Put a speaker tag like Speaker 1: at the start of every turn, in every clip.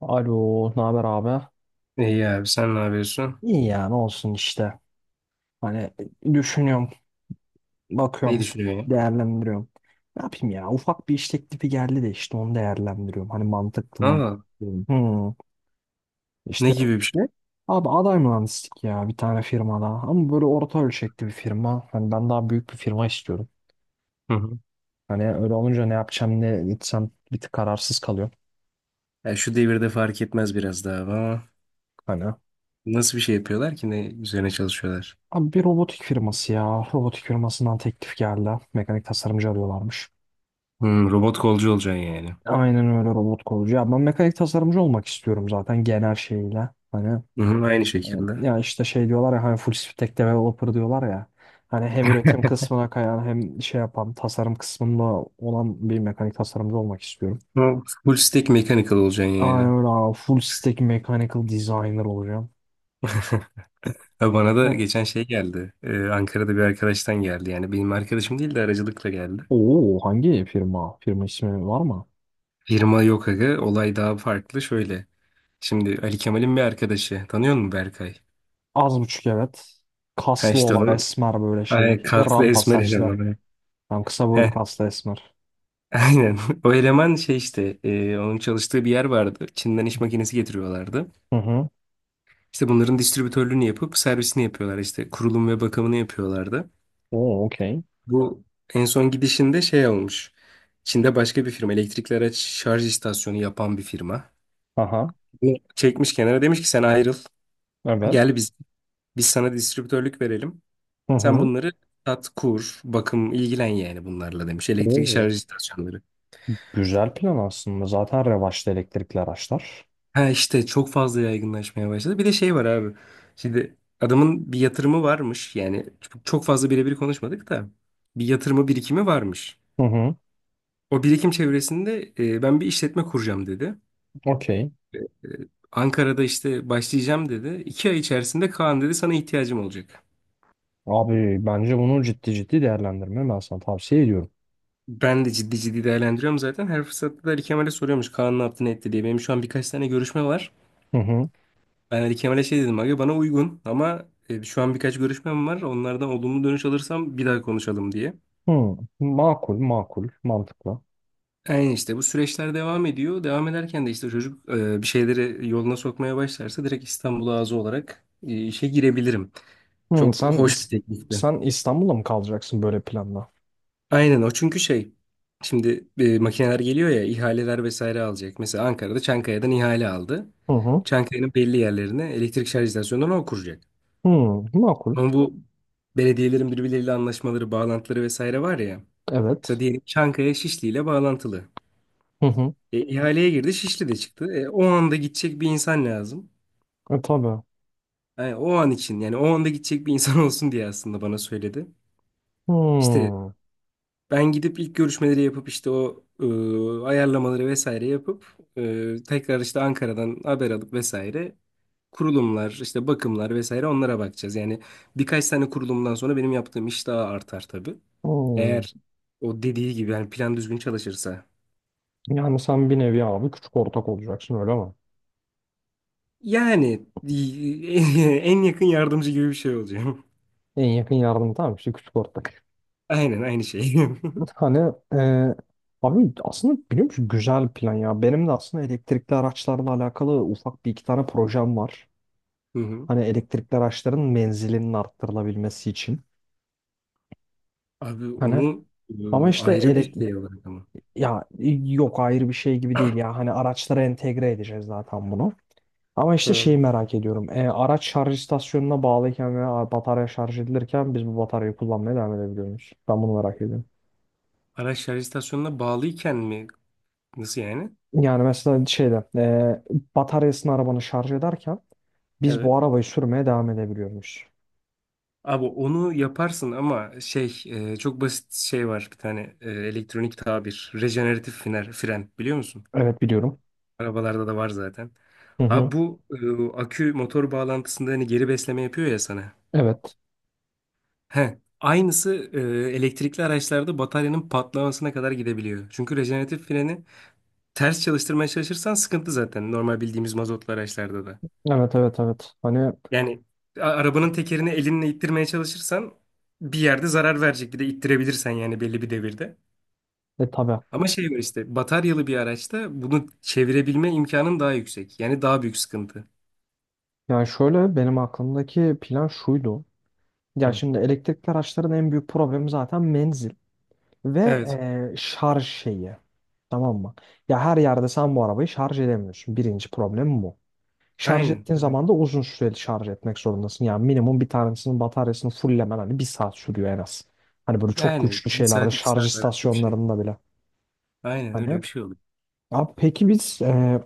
Speaker 1: Alo, ne haber abi?
Speaker 2: İyi abi sen ne yapıyorsun?
Speaker 1: İyi yani ne olsun işte. Hani düşünüyorum,
Speaker 2: Neyi
Speaker 1: bakıyorum,
Speaker 2: düşünüyorsun ya?
Speaker 1: değerlendiriyorum. Ne yapayım ya? Ufak bir iş teklifi geldi de işte onu değerlendiriyorum. Hani mantıklı mı?
Speaker 2: Aa,
Speaker 1: Hmm. Hmm.
Speaker 2: ne
Speaker 1: İşte
Speaker 2: gibi bir şey?
Speaker 1: abi aday mühendislik ya bir tane firmada. Ama böyle orta ölçekli bir firma. Hani ben daha büyük bir firma istiyorum.
Speaker 2: Hı hı.
Speaker 1: Hani öyle olunca ne yapacağım ne gitsem bir tık kararsız kalıyorum.
Speaker 2: Ya şu devirde fark etmez biraz daha ama
Speaker 1: Hani
Speaker 2: nasıl bir şey yapıyorlar ki ne üzerine çalışıyorlar?
Speaker 1: abi bir robotik firması ya. Robotik firmasından teklif geldi. Mekanik tasarımcı arıyorlarmış.
Speaker 2: Hmm, robot kolcu olacaksın yani.
Speaker 1: Aynen öyle robot kolcu. Ya ben mekanik tasarımcı olmak istiyorum zaten genel şeyle. Hani
Speaker 2: Hı hı, aynı
Speaker 1: e,
Speaker 2: şekilde.
Speaker 1: ya işte şey diyorlar ya hani full stack developer diyorlar ya. Hani hem üretim kısmına kayan hem şey yapan tasarım kısmında olan bir mekanik tasarımcı olmak istiyorum.
Speaker 2: Ama full stack mechanical olacaksın
Speaker 1: Aynen
Speaker 2: yani.
Speaker 1: öyle abi. Full stack mechanical designer olacağım.
Speaker 2: Ha, bana da
Speaker 1: Ne?
Speaker 2: geçen şey geldi. Ankara'da bir arkadaştan geldi. Yani benim arkadaşım değil de aracılıkla geldi.
Speaker 1: Oo, hangi firma? Firma ismi var mı?
Speaker 2: Firma yok aga. Olay daha farklı. Şöyle. Şimdi Ali Kemal'in bir arkadaşı. Tanıyor musun Berkay?
Speaker 1: Az buçuk evet.
Speaker 2: Ha
Speaker 1: Kaslı
Speaker 2: işte
Speaker 1: olan
Speaker 2: o
Speaker 1: esmer böyle şey.
Speaker 2: ay, kaslı
Speaker 1: Rampa
Speaker 2: esmer
Speaker 1: saçlı.
Speaker 2: eleman.
Speaker 1: Tam kısa boylu
Speaker 2: Heh,
Speaker 1: kaslı esmer.
Speaker 2: aynen. O eleman şey işte onun çalıştığı bir yer vardı. Çin'den iş makinesi getiriyorlardı.
Speaker 1: Hı hı.
Speaker 2: İşte bunların distribütörlüğünü yapıp servisini yapıyorlar işte kurulum ve bakımını yapıyorlardı.
Speaker 1: Oo okey.
Speaker 2: Bu en son gidişinde şey olmuş. Çin'de başka bir firma elektrikli araç şarj istasyonu yapan bir firma.
Speaker 1: Aha.
Speaker 2: Bunu çekmiş kenara demiş ki sen ayrıl.
Speaker 1: Evet.
Speaker 2: Gel biz sana distribütörlük verelim.
Speaker 1: Hı
Speaker 2: Sen
Speaker 1: hı.
Speaker 2: bunları sat, kur, bakım ilgilen yani bunlarla demiş. Elektrikli
Speaker 1: Oo,
Speaker 2: şarj istasyonları.
Speaker 1: güzel plan aslında. Zaten revaçta elektrikli araçlar.
Speaker 2: Ha işte çok fazla yaygınlaşmaya başladı. Bir de şey var abi. Şimdi adamın bir yatırımı varmış. Yani çok çok fazla birebir konuşmadık da bir yatırımı birikimi varmış.
Speaker 1: Hı hı.
Speaker 2: O birikim çevresinde ben bir işletme kuracağım dedi.
Speaker 1: Okey.
Speaker 2: E, Ankara'da işte başlayacağım dedi. İki ay içerisinde Kaan dedi sana ihtiyacım olacak.
Speaker 1: Abi bence bunu ciddi ciddi değerlendirme, ben sana tavsiye ediyorum.
Speaker 2: Ben de ciddi ciddi değerlendiriyorum zaten. Her fırsatta da Ali Kemal'e soruyormuş Kaan ne yaptı ne etti diye. Benim şu an birkaç tane görüşme var.
Speaker 1: Hı hı.
Speaker 2: Ben Ali Kemal'e şey dedim abi bana uygun ama şu an birkaç görüşmem var. Onlardan olumlu dönüş alırsam bir daha konuşalım diye.
Speaker 1: Hı. Makul, makul, mantıklı.
Speaker 2: Yani işte bu süreçler devam ediyor. Devam ederken de işte çocuk bir şeyleri yoluna sokmaya başlarsa direkt İstanbul ağzı olarak işe girebilirim.
Speaker 1: Hı.
Speaker 2: Çok hoş bir teklifti.
Speaker 1: Sen İstanbul'da mı kalacaksın böyle planla?
Speaker 2: Aynen o çünkü şey şimdi makineler geliyor ya ihaleler vesaire alacak. Mesela Ankara'da Çankaya'dan ihale aldı.
Speaker 1: Hı hı.
Speaker 2: Çankaya'nın belli yerlerine elektrik şarj istasyonlarını o kuracak.
Speaker 1: Hı. Makul.
Speaker 2: Ama bu belediyelerin birbirleriyle anlaşmaları, bağlantıları vesaire var ya. Mesela
Speaker 1: Evet.
Speaker 2: diyelim Çankaya Şişli ile bağlantılı.
Speaker 1: Hı hı.
Speaker 2: İhaleye girdi Şişli de çıktı. O anda gidecek bir insan lazım.
Speaker 1: E, tabii.
Speaker 2: Yani o an için yani o anda gidecek bir insan olsun diye aslında bana söyledi. İşte
Speaker 1: Hı.
Speaker 2: ben gidip ilk görüşmeleri yapıp işte o ayarlamaları vesaire yapıp tekrar işte Ankara'dan haber alıp vesaire kurulumlar işte bakımlar vesaire onlara bakacağız. Yani birkaç tane kurulumdan sonra benim yaptığım iş daha artar tabii.
Speaker 1: Hı.
Speaker 2: Eğer o dediği gibi yani plan düzgün çalışırsa.
Speaker 1: Yani sen bir nevi abi küçük ortak olacaksın, öyle mi?
Speaker 2: Yani en yakın yardımcı gibi bir şey olacağım.
Speaker 1: En yakın yardım, tamam işte, küçük ortak.
Speaker 2: Aynen aynı şey.
Speaker 1: Hani abi aslında biliyor musun, güzel plan ya. Benim de aslında elektrikli araçlarla alakalı ufak bir iki tane projem var.
Speaker 2: Hı hı.
Speaker 1: Hani elektrikli araçların menzilinin arttırılabilmesi için.
Speaker 2: Abi
Speaker 1: Hani
Speaker 2: onu
Speaker 1: ama işte
Speaker 2: ayrı bir şey olarak ama.
Speaker 1: ya yok, ayrı bir şey gibi değil ya. Hani araçlara entegre edeceğiz zaten bunu. Ama işte şeyi
Speaker 2: Hı.
Speaker 1: merak ediyorum. E, araç şarj istasyonuna bağlıyken veya batarya şarj edilirken biz bu bataryayı kullanmaya devam edebiliyor muyuz? Ben bunu merak ediyorum.
Speaker 2: Araç şarj istasyonuna bağlıyken mi? Nasıl yani?
Speaker 1: Yani mesela şeyde bataryasını arabanı şarj ederken biz
Speaker 2: Evet.
Speaker 1: bu arabayı sürmeye devam edebiliyormuş.
Speaker 2: Abi onu yaparsın ama şey çok basit şey var bir tane elektronik tabir. Rejeneratif fren, fren biliyor musun?
Speaker 1: Evet biliyorum.
Speaker 2: Arabalarda da var zaten.
Speaker 1: Hı hı.
Speaker 2: Abi bu akü motor bağlantısında hani geri besleme yapıyor ya sana.
Speaker 1: Evet.
Speaker 2: He. Aynısı elektrikli araçlarda bataryanın patlamasına kadar gidebiliyor. Çünkü rejeneratif freni ters çalıştırmaya çalışırsan sıkıntı zaten normal bildiğimiz mazotlu araçlarda da.
Speaker 1: Evet, evet, evet. Hani
Speaker 2: Yani arabanın tekerini elinle ittirmeye çalışırsan bir yerde zarar verecek. Bir de ittirebilirsen yani belli bir devirde.
Speaker 1: tabii.
Speaker 2: Ama şey var işte bataryalı bir araçta bunu çevirebilme imkanın daha yüksek. Yani daha büyük sıkıntı.
Speaker 1: Yani şöyle, benim aklımdaki plan şuydu. Ya
Speaker 2: Hı.
Speaker 1: şimdi elektrikli araçların en büyük problemi zaten menzil ve
Speaker 2: Evet.
Speaker 1: şarj şeyi. Tamam mı? Ya her yerde sen bu arabayı şarj edemiyorsun. Birinci problem bu. Şarj
Speaker 2: Aynen.
Speaker 1: ettiğin
Speaker 2: Evet.
Speaker 1: zaman da uzun süreli şarj etmek zorundasın. Yani minimum bir tanesinin bataryasını fulllemen hani 1 saat sürüyor en az. Hani böyle çok
Speaker 2: Yani
Speaker 1: güçlü
Speaker 2: bir
Speaker 1: şeylerde
Speaker 2: saat iki
Speaker 1: şarj
Speaker 2: saat arası bir şey.
Speaker 1: istasyonlarında bile.
Speaker 2: Aynen öyle
Speaker 1: Hani
Speaker 2: bir şey oluyor.
Speaker 1: abi peki biz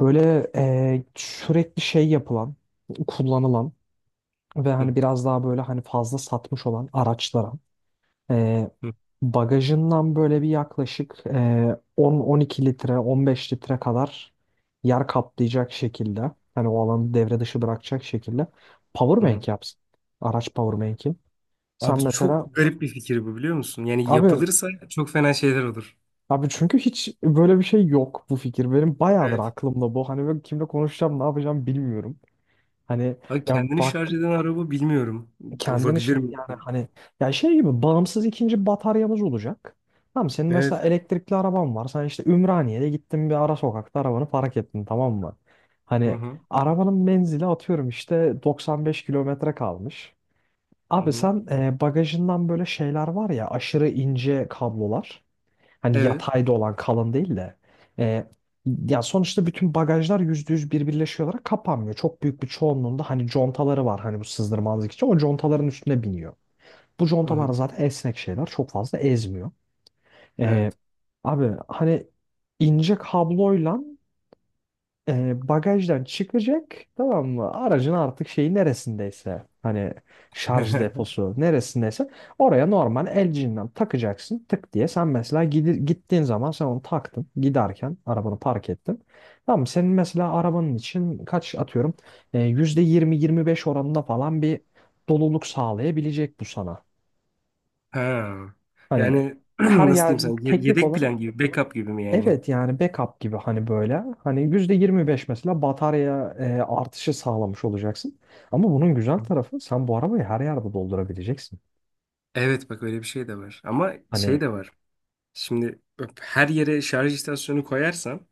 Speaker 1: böyle sürekli şey yapılan, kullanılan ve
Speaker 2: Hı,
Speaker 1: hani biraz daha böyle hani fazla satmış olan araçlara e,
Speaker 2: hı,
Speaker 1: bagajından böyle bir yaklaşık 10-12 litre, 15 litre kadar yer kaplayacak şekilde, hani o alanı devre dışı bırakacak şekilde
Speaker 2: hı hı.
Speaker 1: powerbank yapsın. Araç powerbank'i. Sen
Speaker 2: Abi çok
Speaker 1: mesela
Speaker 2: garip bir fikir bu biliyor musun? Yani
Speaker 1: abi
Speaker 2: yapılırsa çok fena şeyler olur.
Speaker 1: Abi çünkü hiç böyle bir şey yok bu fikir. Benim bayağıdır
Speaker 2: Evet.
Speaker 1: aklımda bu. Hani böyle kimle konuşacağım, ne yapacağım bilmiyorum. Hani
Speaker 2: Abi
Speaker 1: ya
Speaker 2: kendini
Speaker 1: bak,
Speaker 2: şarj eden araba bilmiyorum. Olabilir mi?
Speaker 1: yani hani ya şey gibi bağımsız ikinci bataryamız olacak. Tamam, senin
Speaker 2: Evet.
Speaker 1: mesela elektrikli araban var. Sen işte Ümraniye'de gittin, bir ara sokakta arabanı park ettin, tamam mı?
Speaker 2: Hı
Speaker 1: Hani
Speaker 2: hı.
Speaker 1: arabanın menzili atıyorum işte 95 kilometre kalmış.
Speaker 2: Hı
Speaker 1: Abi
Speaker 2: hı.
Speaker 1: sen bagajından böyle şeyler var ya, aşırı ince kablolar. Hani
Speaker 2: Evet.
Speaker 1: yatayda olan, kalın değil de. E, ya sonuçta bütün bagajlar %100 birbirleşiyor olarak kapanmıyor. Çok büyük bir çoğunluğunda hani contaları var hani, bu sızdırmazlık için. O contaların üstüne biniyor. Bu
Speaker 2: Hı
Speaker 1: contalar
Speaker 2: hı.
Speaker 1: zaten esnek şeyler. Çok fazla ezmiyor. E,
Speaker 2: Evet.
Speaker 1: abi hani ince kabloyla bagajdan çıkacak, tamam mı? Aracın artık şeyi neresindeyse, hani şarj deposu neresindeyse oraya normal el cihinden takacaksın tık diye. Sen mesela gittiğin zaman sen onu taktın, giderken arabanı park ettin. Tamam mı? Senin mesela arabanın için kaç atıyorum %20-25 oranında falan bir doluluk sağlayabilecek bu sana.
Speaker 2: Ha.
Speaker 1: Hani
Speaker 2: Yani
Speaker 1: her
Speaker 2: nasıl
Speaker 1: yer
Speaker 2: diyeyim sana?
Speaker 1: teknik
Speaker 2: Yedek
Speaker 1: olarak,
Speaker 2: plan gibi, backup gibi mi yani?
Speaker 1: evet, yani backup gibi hani böyle. Hani %25 mesela batarya artışı sağlamış olacaksın. Ama bunun güzel
Speaker 2: Hı.
Speaker 1: tarafı, sen bu arabayı her yerde doldurabileceksin.
Speaker 2: Evet bak öyle bir şey de var. Ama
Speaker 1: Hani
Speaker 2: şey de var. Şimdi bak, her yere şarj istasyonu koyarsan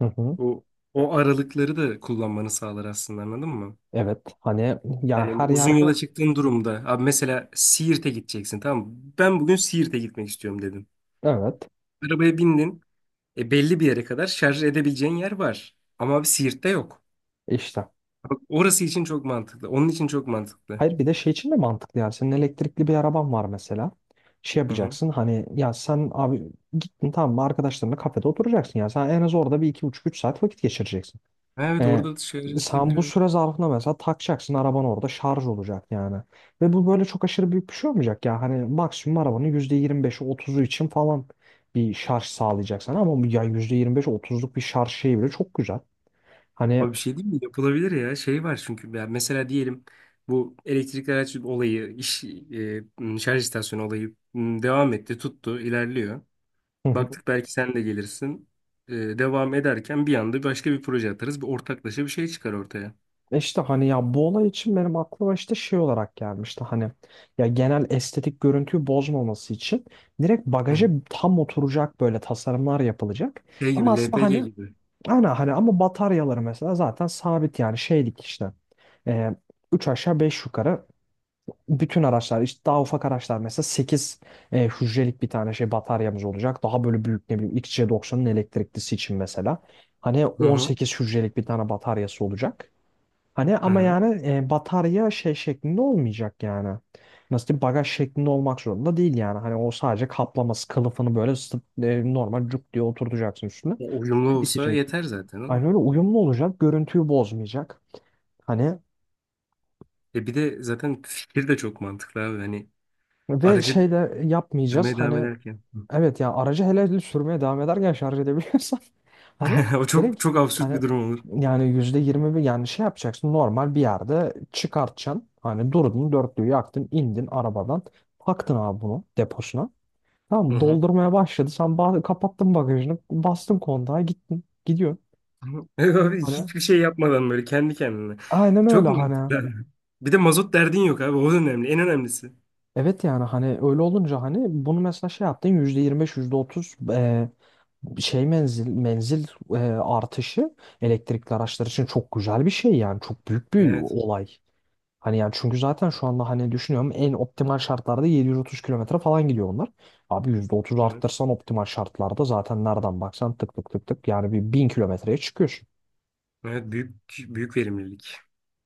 Speaker 1: hı hı,
Speaker 2: o o aralıkları da kullanmanı sağlar aslında anladın mı?
Speaker 1: evet hani ya
Speaker 2: Yani
Speaker 1: her
Speaker 2: uzun
Speaker 1: yerde
Speaker 2: yola çıktığın durumda abi mesela Siirt'e gideceksin tamam mı? Ben bugün Siirt'e gitmek istiyorum dedim.
Speaker 1: evet
Speaker 2: Arabaya bindin. Belli bir yere kadar şarj edebileceğin yer var. Ama abi Siirt'te yok.
Speaker 1: işte.
Speaker 2: Bak, orası için çok mantıklı. Onun için çok mantıklı.
Speaker 1: Hayır bir de şey için de mantıklı, yani senin elektrikli bir araban var mesela. Şey
Speaker 2: Hı hı.
Speaker 1: yapacaksın hani ya sen abi gittin, tamam mı, arkadaşlarınla kafede oturacaksın. Ya sen en az orada bir, iki buçuk, üç saat vakit geçireceksin.
Speaker 2: Ha, evet
Speaker 1: E,
Speaker 2: orada da şarj edilebilir
Speaker 1: sen bu
Speaker 2: evet.
Speaker 1: süre zarfında mesela takacaksın, araban orada şarj olacak yani. Ve bu böyle çok aşırı büyük bir şey olmayacak ya. Hani maksimum arabanın %25'i, otuzu için falan bir şarj sağlayacaksın. Ama bu ya %25'i, otuzluk bir şarj şeyi bile çok güzel. Hani
Speaker 2: Abi bir şey değil mi? Yapılabilir ya. Şey var çünkü ya mesela diyelim bu elektrikli araç olayı, iş şarj istasyonu olayı devam etti, tuttu, ilerliyor.
Speaker 1: hı hı.
Speaker 2: Baktık belki sen de gelirsin. Devam ederken bir anda başka bir proje atarız. Bir ortaklaşa bir şey çıkar ortaya.
Speaker 1: işte hani ya bu olay için benim aklıma işte şey olarak gelmişti. Hani ya genel estetik görüntüyü bozmaması için direkt
Speaker 2: Hı
Speaker 1: bagaja
Speaker 2: hı.
Speaker 1: tam oturacak böyle tasarımlar yapılacak.
Speaker 2: Şey
Speaker 1: Ama
Speaker 2: gibi
Speaker 1: aslında
Speaker 2: LPG
Speaker 1: hani,
Speaker 2: gibi.
Speaker 1: hani, hani ama bataryaları mesela zaten sabit yani şeylik işte. E, 3 aşağı 5 yukarı bütün araçlar, işte daha ufak araçlar mesela 8 hücrelik bir tane şey bataryamız olacak. Daha böyle büyük, ne bileyim XC90'ın elektriklisi için mesela. Hani
Speaker 2: Hı
Speaker 1: on
Speaker 2: hı.
Speaker 1: sekiz hücrelik bir tane bataryası olacak. Hani
Speaker 2: Hı
Speaker 1: ama
Speaker 2: hı.
Speaker 1: yani batarya şey şeklinde olmayacak yani. Nasıl diyeyim, bagaj şeklinde olmak zorunda değil yani. Hani o sadece kaplaması kılıfını böyle normal cuk diye oturtacaksın üstüne.
Speaker 2: Ya, uyumlu olsa
Speaker 1: Bitecek.
Speaker 2: yeter zaten ama.
Speaker 1: Aynı öyle uyumlu olacak, görüntüyü bozmayacak. Hani
Speaker 2: E bir de zaten fikir de çok mantıklı abi. Hani
Speaker 1: ve
Speaker 2: aracı
Speaker 1: şeyle yapmayacağız.
Speaker 2: sürmeye devam
Speaker 1: Hani
Speaker 2: ederken.
Speaker 1: evet ya aracı hele hele sürmeye devam ederken şarj edebiliyorsan hani
Speaker 2: O çok
Speaker 1: direkt
Speaker 2: çok absürt
Speaker 1: hani,
Speaker 2: bir durum olur.
Speaker 1: yani %20-21, yani şey yapacaksın, normal bir yerde çıkartacaksın. Hani durdun, dörtlüğü yaktın, indin arabadan, taktın abi bunu deposuna.
Speaker 2: Hı
Speaker 1: Tamam,
Speaker 2: hı.
Speaker 1: doldurmaya başladı. Sen kapattın bagajını, bastın kontağa, gittin gidiyor.
Speaker 2: Evet abi
Speaker 1: Hani
Speaker 2: hiçbir şey yapmadan böyle kendi kendine.
Speaker 1: aynen öyle
Speaker 2: Çok
Speaker 1: hani.
Speaker 2: mantıklı. Bir de mazot derdin yok abi. O da önemli. En önemlisi.
Speaker 1: Evet yani hani öyle olunca hani bunu mesela şey yaptın %25, %30, şey menzil artışı elektrikli araçlar için çok güzel bir şey yani, çok büyük bir
Speaker 2: Evet.
Speaker 1: olay. Hani yani çünkü zaten şu anda hani düşünüyorum en optimal şartlarda 730 kilometre falan gidiyor bunlar. Abi %30
Speaker 2: Evet.
Speaker 1: arttırsan optimal şartlarda zaten nereden baksan tık tık tık tık yani bir 1000 kilometreye çıkıyor.
Speaker 2: Evet büyük büyük verimlilik.